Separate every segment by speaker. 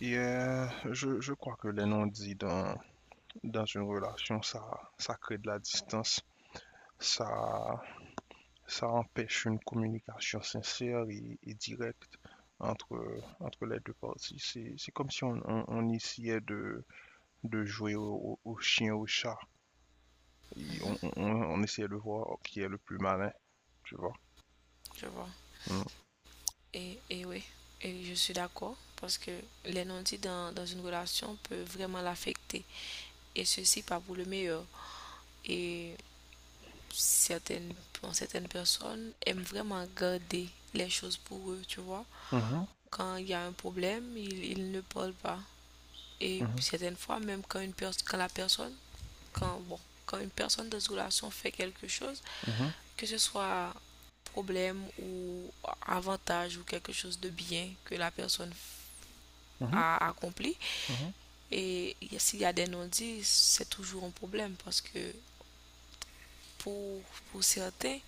Speaker 1: Et je crois que les non-dits dans une relation, ça crée de la distance, ça, ça empêche une communication sincère et directe entre les deux parties. C'est comme si on essayait de jouer au chien, au chat, et
Speaker 2: Mhm,
Speaker 1: on essayait de voir qui est le plus malin, tu vois.
Speaker 2: je vois.
Speaker 1: Mm.
Speaker 2: Et oui, et je suis d'accord parce que les non-dits dans une relation peut vraiment l'affecter. Et ceci pas pour le meilleur. Et certaines, pour certaines personnes aiment vraiment garder les choses pour eux, tu vois.
Speaker 1: Mhm,
Speaker 2: Quand il y a un problème, ils ne parlent pas. Et
Speaker 1: mhm,
Speaker 2: certaines fois, même quand la personne, quand, quand une personne dans une relation fait quelque chose,
Speaker 1: mhm,
Speaker 2: que ce soit problème ou avantage ou quelque chose de bien que la personne
Speaker 1: mhm,
Speaker 2: à accomplir.
Speaker 1: mhm,
Speaker 2: Et s'il y a des non-dits, c'est toujours un problème parce que pour, pour certains,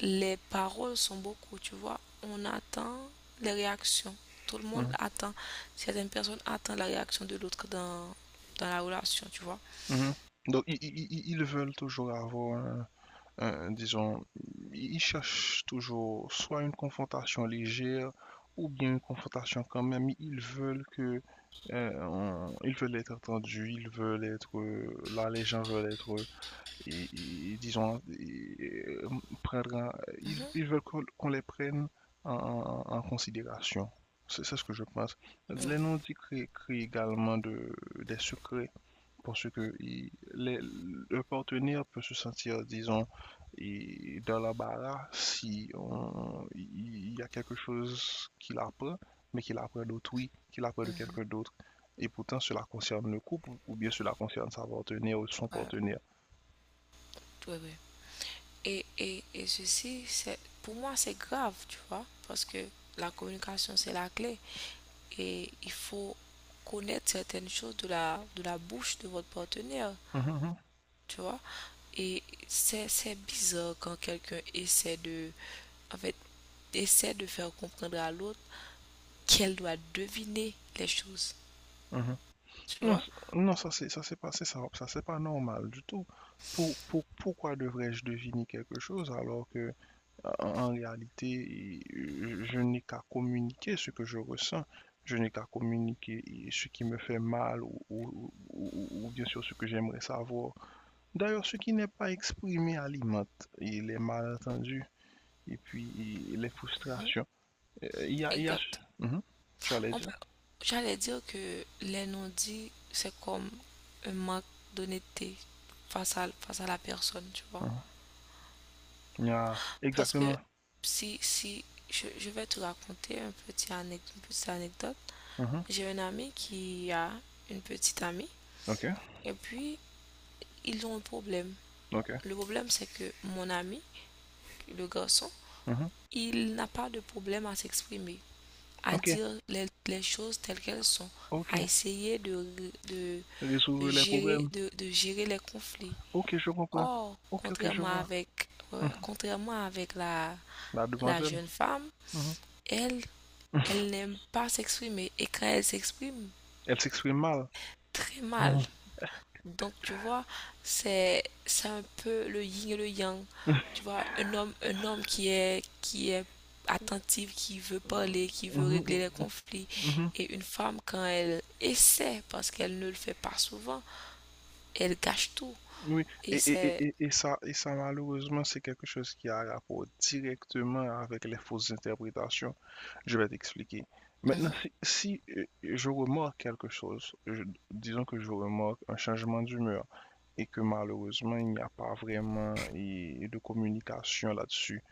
Speaker 2: les paroles sont beaucoup, tu vois. On attend les réactions. Tout le monde attend. Certaines personnes attendent la réaction de l'autre dans la relation, tu vois.
Speaker 1: mhm, mhm. Donc, ils veulent toujours disons, ils cherchent toujours soit une confrontation légère ou bien une confrontation quand même. Ils veulent être entendus, ils veulent être, là les gens veulent être, et, et, disons, prendre, un- ils,
Speaker 2: Mhm,
Speaker 1: ils veulent qu'on les prenne en considération. C'est ce que je pense. Les non-dits créent également des secrets parce que le partenaire peut se sentir, disons, et dans l'embarras si il y a quelque chose qu'il apprend, mais qu'il apprend d'autrui, qu'il apprend de
Speaker 2: mhm.
Speaker 1: quelqu'un d'autre. Et pourtant, cela concerne le couple ou bien cela concerne sa partenaire ou son
Speaker 2: Ouais,
Speaker 1: partenaire.
Speaker 2: ouais, ouais, ouais. Et ceci, c'est, pour moi, c'est grave, tu vois, parce que la communication, c'est la clé. Et il faut connaître certaines choses de de la bouche de votre partenaire.
Speaker 1: Mhm, mhm.
Speaker 2: Tu vois. Et c'est bizarre quand quelqu'un essaie de, en fait, essaie de faire comprendre à l'autre qu'elle doit deviner les choses,
Speaker 1: Mhm.
Speaker 2: tu
Speaker 1: Non,
Speaker 2: vois.
Speaker 1: non, ça c'est pas normal du tout. Pourquoi devrais-je deviner quelque chose alors que, en réalité, je n'ai qu'à communiquer ce que je ressens. Je n'ai qu'à communiquer ce qui me fait mal ou, bien sûr ce que j'aimerais savoir. D'ailleurs, ce qui n'est pas exprimé alimente et les malentendus et puis les
Speaker 2: Mhm.
Speaker 1: frustrations. Il y a...
Speaker 2: Exact.
Speaker 1: Mhm. Tu allais
Speaker 2: On peut-
Speaker 1: dire?
Speaker 2: J'allais dire que les non-dits, c'est comme un manque d'honnêteté face à, face à la personne, tu vois.
Speaker 1: Mhm. Il y a...
Speaker 2: Parce que
Speaker 1: Exactement.
Speaker 2: si, si, je vais te raconter une petite anecdote.
Speaker 1: Mhm.
Speaker 2: J'ai un ami qui a une petite amie,
Speaker 1: OK.
Speaker 2: et puis ils ont un problème.
Speaker 1: OK.
Speaker 2: Le problème, c'est que mon ami, le garçon,
Speaker 1: Mhm.
Speaker 2: il n'a pas de problème à s'exprimer, à
Speaker 1: OK.
Speaker 2: dire les choses telles qu'elles sont, à
Speaker 1: OK.
Speaker 2: essayer de, de
Speaker 1: Résoudre les
Speaker 2: gérer,
Speaker 1: problèmes.
Speaker 2: de gérer les conflits.
Speaker 1: OK, je comprends.
Speaker 2: Or,
Speaker 1: OK, OK, je
Speaker 2: contrairement
Speaker 1: vois.
Speaker 2: avec, ouais,
Speaker 1: Mhm.
Speaker 2: contrairement avec
Speaker 1: La
Speaker 2: la
Speaker 1: demoiselle.
Speaker 2: jeune femme,
Speaker 1: Mhm.
Speaker 2: elle, elle n'aime pas s'exprimer. Et quand elle s'exprime,
Speaker 1: Elle s'exprime mal.
Speaker 2: très mal.
Speaker 1: Mhm.
Speaker 2: Donc, tu vois, c'est un peu le yin et le yang. Tu vois, un homme, qui est attentif, qui veut parler, qui veut régler
Speaker 1: Mhm.
Speaker 2: les conflits.
Speaker 1: Mhm.
Speaker 2: Et une femme, quand elle essaie, parce qu'elle ne le fait pas souvent, elle gâche tout.
Speaker 1: Oui,
Speaker 2: Et c'est...
Speaker 1: et ça malheureusement, c'est quelque chose qui a rapport directement avec les fausses interprétations. Je vais t'expliquer. Maintenant,
Speaker 2: Mhm,
Speaker 1: si, je remarque quelque chose, disons que je remarque un changement d'humeur et que malheureusement, il n'y a pas vraiment de communication là-dessus.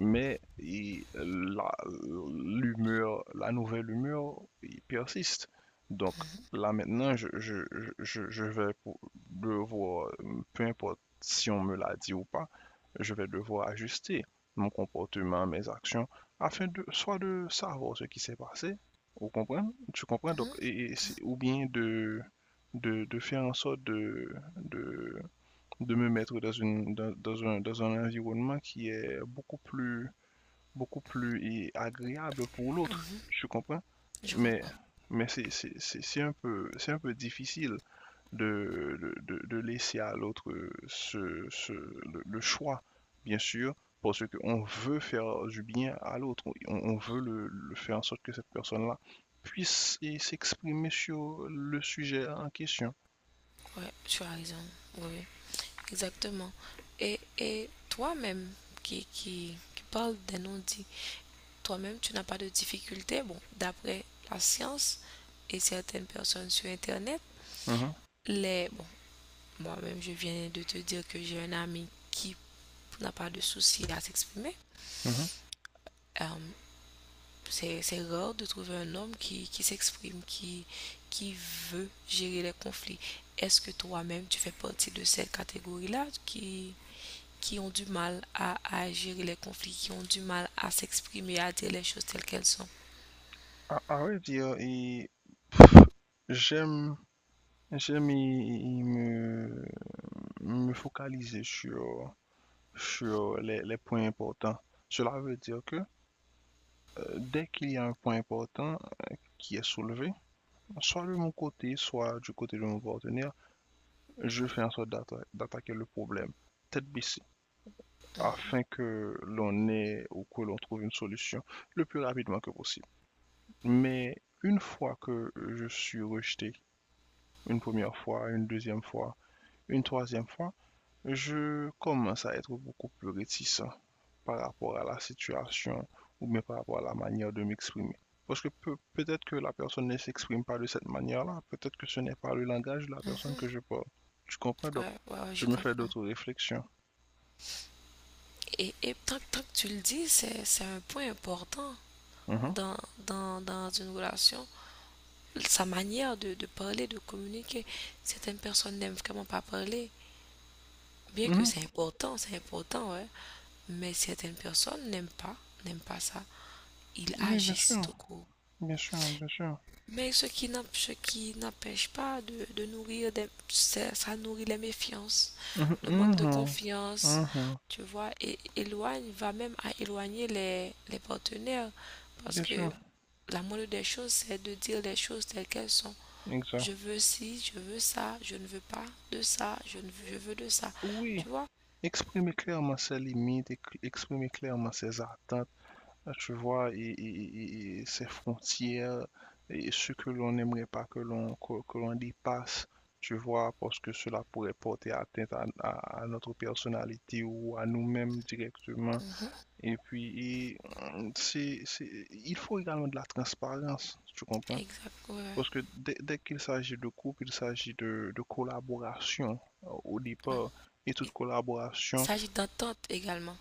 Speaker 1: Mais l'humeur, la nouvelle humeur, il persiste. Donc là maintenant, je vais devoir, peu importe si on me l'a dit ou pas, je vais devoir ajuster mon comportement, mes actions, afin de soit de savoir ce qui s'est passé, vous comprenez? Tu comprends? Donc,
Speaker 2: mhm,
Speaker 1: ou bien de faire en sorte de me mettre dans une, dans, dans un environnement qui est beaucoup plus agréable pour l'autre, tu comprends?
Speaker 2: je
Speaker 1: Mais,
Speaker 2: comprends.
Speaker 1: mais c'est un peu difficile de laisser à l'autre le choix, bien sûr, parce qu'on veut faire du bien à l'autre, on veut le faire en sorte que cette personne-là puisse et s'exprimer sur le sujet en question.
Speaker 2: Ouais, tu as raison. Oui, exactement. Et toi-même, qui parle des non-dits, toi-même, tu n'as pas de difficultés. Bon, d'après la science et certaines personnes sur Internet,
Speaker 1: Mhm,
Speaker 2: les... Bon, moi-même, je viens de te dire que j'ai un ami qui n'a pas de souci à s'exprimer.
Speaker 1: mhm.
Speaker 2: Euh, c'est rare de trouver un homme qui s'exprime, qui veut gérer les conflits. Est-ce que toi-même, tu fais partie de cette catégorie-là qui ont du mal à gérer les conflits, qui ont du mal à s'exprimer, à dire les choses telles qu'elles sont?
Speaker 1: À vrai dire, pff, j'aime, j'aime me focaliser sur les points importants. Cela veut dire que dès qu'il y a un point important qui est soulevé, soit de mon côté, soit du côté de mon partenaire, je fais en sorte d'attaquer le problème tête baissée afin que l'on ait ou que l'on trouve une solution le plus rapidement que possible. Mais une fois que je suis rejeté, une première fois, une deuxième fois, une troisième fois, je commence à être beaucoup plus réticent par rapport à la situation ou bien par rapport à la manière de m'exprimer. Parce que peut-être que la personne ne s'exprime pas de cette manière-là, peut-être que ce n'est pas le langage de la personne que je parle. Tu comprends?
Speaker 2: Mm.
Speaker 1: Donc,
Speaker 2: Ouais, ouais, ouais,
Speaker 1: je
Speaker 2: je
Speaker 1: me fais
Speaker 2: comprends.
Speaker 1: d'autres réflexions.
Speaker 2: Et tant, tant que tu le dis, c'est un point important
Speaker 1: Mhm.
Speaker 2: dans, dans une relation. Sa manière de parler, de communiquer. Certaines personnes n'aiment vraiment pas parler. Bien que
Speaker 1: Mhm.
Speaker 2: c'est important, ouais. Mais certaines personnes n'aiment pas ça. Ils
Speaker 1: Oui, bien
Speaker 2: agissent
Speaker 1: sûr,
Speaker 2: tout court.
Speaker 1: bien sûr, bien sûr.
Speaker 2: Mais ce qui n'empêche pas de, de nourrir des, ça, nourrit les méfiances,
Speaker 1: Mhm,
Speaker 2: le manque de
Speaker 1: mhm,
Speaker 2: confiance,
Speaker 1: mhm.
Speaker 2: tu vois, et éloigne, va même à éloigner les partenaires. Parce
Speaker 1: Bien
Speaker 2: que
Speaker 1: sûr,
Speaker 2: la moindre des choses, c'est de dire les choses telles qu'elles sont. Je
Speaker 1: exact.
Speaker 2: veux ci, je veux ça, je ne veux pas de ça, je ne je veux de ça.
Speaker 1: Oui,
Speaker 2: Tu vois?
Speaker 1: exprimer clairement ses limites, exprimer clairement ses attentes. Tu vois, et ces frontières, et ce que l'on n'aimerait pas que l'on dépasse, tu vois, parce que cela pourrait porter atteinte à notre personnalité ou à nous-mêmes directement.
Speaker 2: Mhm.
Speaker 1: Et puis, et, il faut également de la transparence, tu comprends?
Speaker 2: Exact. Ouais,
Speaker 1: Parce que dès qu'il s'agit de couple, il s'agit de collaboration, au
Speaker 2: ouais.
Speaker 1: départ, et toute
Speaker 2: Il
Speaker 1: collaboration,
Speaker 2: s'agit d'entente également.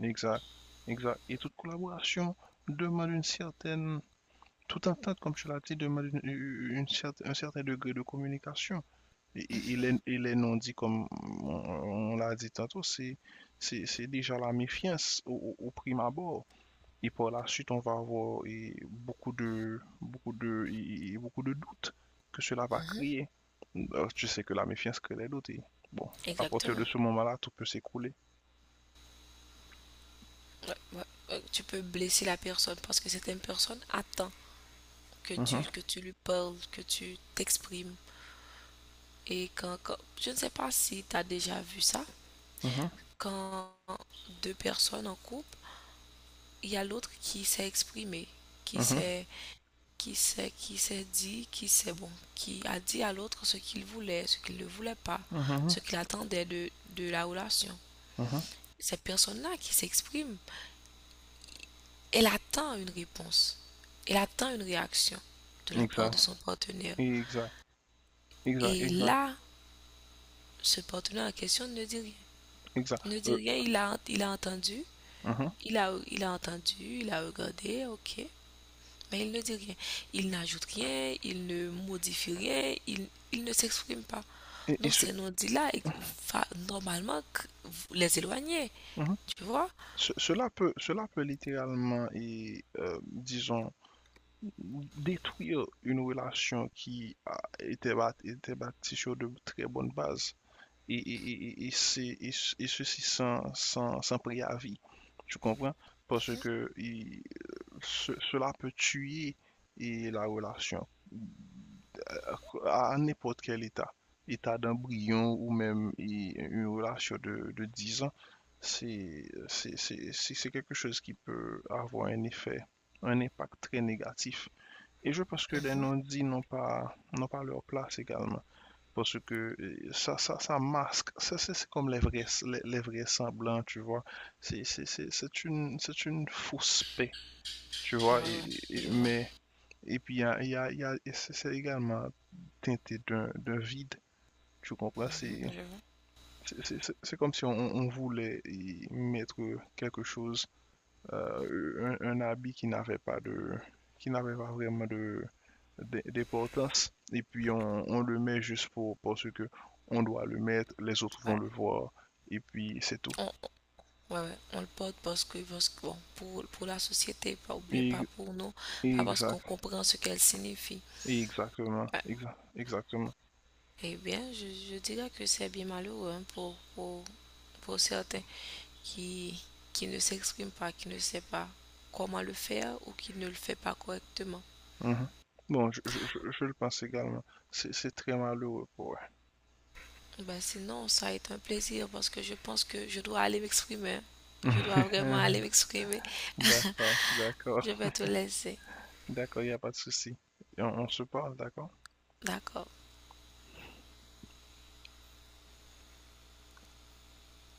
Speaker 1: exact, exact, et toute collaboration. Demande une certaine Tout à fait, comme tu l'as dit, demande un certain degré de communication. Et les non-dits, comme on, on l'a dit tantôt, c'est déjà la méfiance au prime abord. Et par la suite, on va avoir beaucoup de doutes que cela va
Speaker 2: Mhm.
Speaker 1: créer. Alors, tu sais que la méfiance crée les doutes. Et bon, à partir de
Speaker 2: Exactement.
Speaker 1: ce moment-là, tout peut s'écrouler.
Speaker 2: Ouais, ouais, ouais, tu peux blesser la personne parce que certaines personnes attendent que
Speaker 1: Mhm,
Speaker 2: que tu lui parles, que tu t'exprimes. Et je ne sais pas si tu as déjà vu ça,
Speaker 1: mhm,
Speaker 2: quand deux personnes en couple, il y a l'autre qui s'est exprimé, qui
Speaker 1: mhm,
Speaker 2: s'est, qui s'est, qui s'est dit, qui s'est bon, qui a dit à l'autre ce qu'il voulait, ce qu'il ne voulait pas,
Speaker 1: mhm,
Speaker 2: ce qu'il attendait de la relation.
Speaker 1: mhm.
Speaker 2: Ces personnes-là qui s'expriment. Elle attend une réponse, elle attend une réaction de la part de
Speaker 1: Exact,
Speaker 2: son partenaire.
Speaker 1: exact, exact,
Speaker 2: Et
Speaker 1: exact,
Speaker 2: là, ce partenaire en question ne dit rien.
Speaker 1: exact.
Speaker 2: Ne dit rien, il a entendu,
Speaker 1: Mhm.
Speaker 2: il a entendu, il a regardé, ok, mais il ne dit rien. Il n'ajoute rien, il ne modifie rien, il ne s'exprime pas.
Speaker 1: Et, et
Speaker 2: Donc
Speaker 1: ce,
Speaker 2: ces non-dits-là, va normalement les éloigner,
Speaker 1: Mhm.
Speaker 2: tu vois?
Speaker 1: Cela peut, cela peut littéralement, disons, détruire une relation qui était bâtie sur de très bonnes bases. Et ceci sans, sans préavis. Tu comprends? Parce que cela peut tuer et la relation. En n'importe quel état, état d'embryon ou même une relation de 10 ans, quelque chose qui peut avoir un effet, un impact très négatif. Et je pense que les non-dits n'ont pas leur place également. Parce que ça masque, ça, c'est comme les vrais, les vrais semblants, tu vois. C'est une fausse paix, tu
Speaker 2: Ouais,
Speaker 1: vois. et-
Speaker 2: ouais,
Speaker 1: et-
Speaker 2: je vois.
Speaker 1: mais et puis, il y a, c'est également teinté d'un vide, tu comprends? C'est
Speaker 2: Mhm, je vois.
Speaker 1: c'est- c'est- c'est- comme si on voulait y mettre quelque chose, un habit qui n'avait pas de, qui n'avait pas vraiment d'importance, et puis on le met juste parce que on doit le mettre, les autres vont
Speaker 2: Ouais.
Speaker 1: le voir, et puis c'est tout.
Speaker 2: On, Ouais, ouais, on le porte parce que, bon, pour la société, pas, ou bien pas
Speaker 1: Et-
Speaker 2: pour nous, pas parce qu'on
Speaker 1: exact,
Speaker 2: comprend ce qu'elle signifie.
Speaker 1: exactement,
Speaker 2: Ouais.
Speaker 1: exactement.
Speaker 2: Eh bien, je dirais que c'est bien malheureux hein, pour certains qui, qui ne s'expriment pas, qui ne savent pas comment le faire ou qui ne le fait pas correctement.
Speaker 1: Mhm. Bon, je le pense également. C'est très malheureux pour eux.
Speaker 2: Ben, sinon, ça est un plaisir parce que je pense que je dois aller m'exprimer, hein. Je dois vraiment aller m'exprimer.
Speaker 1: D'accord, d'accord,
Speaker 2: Je vais te laisser.
Speaker 1: d'accord, il n'y a pas de souci. Et on se parle, d'accord?
Speaker 2: D'accord.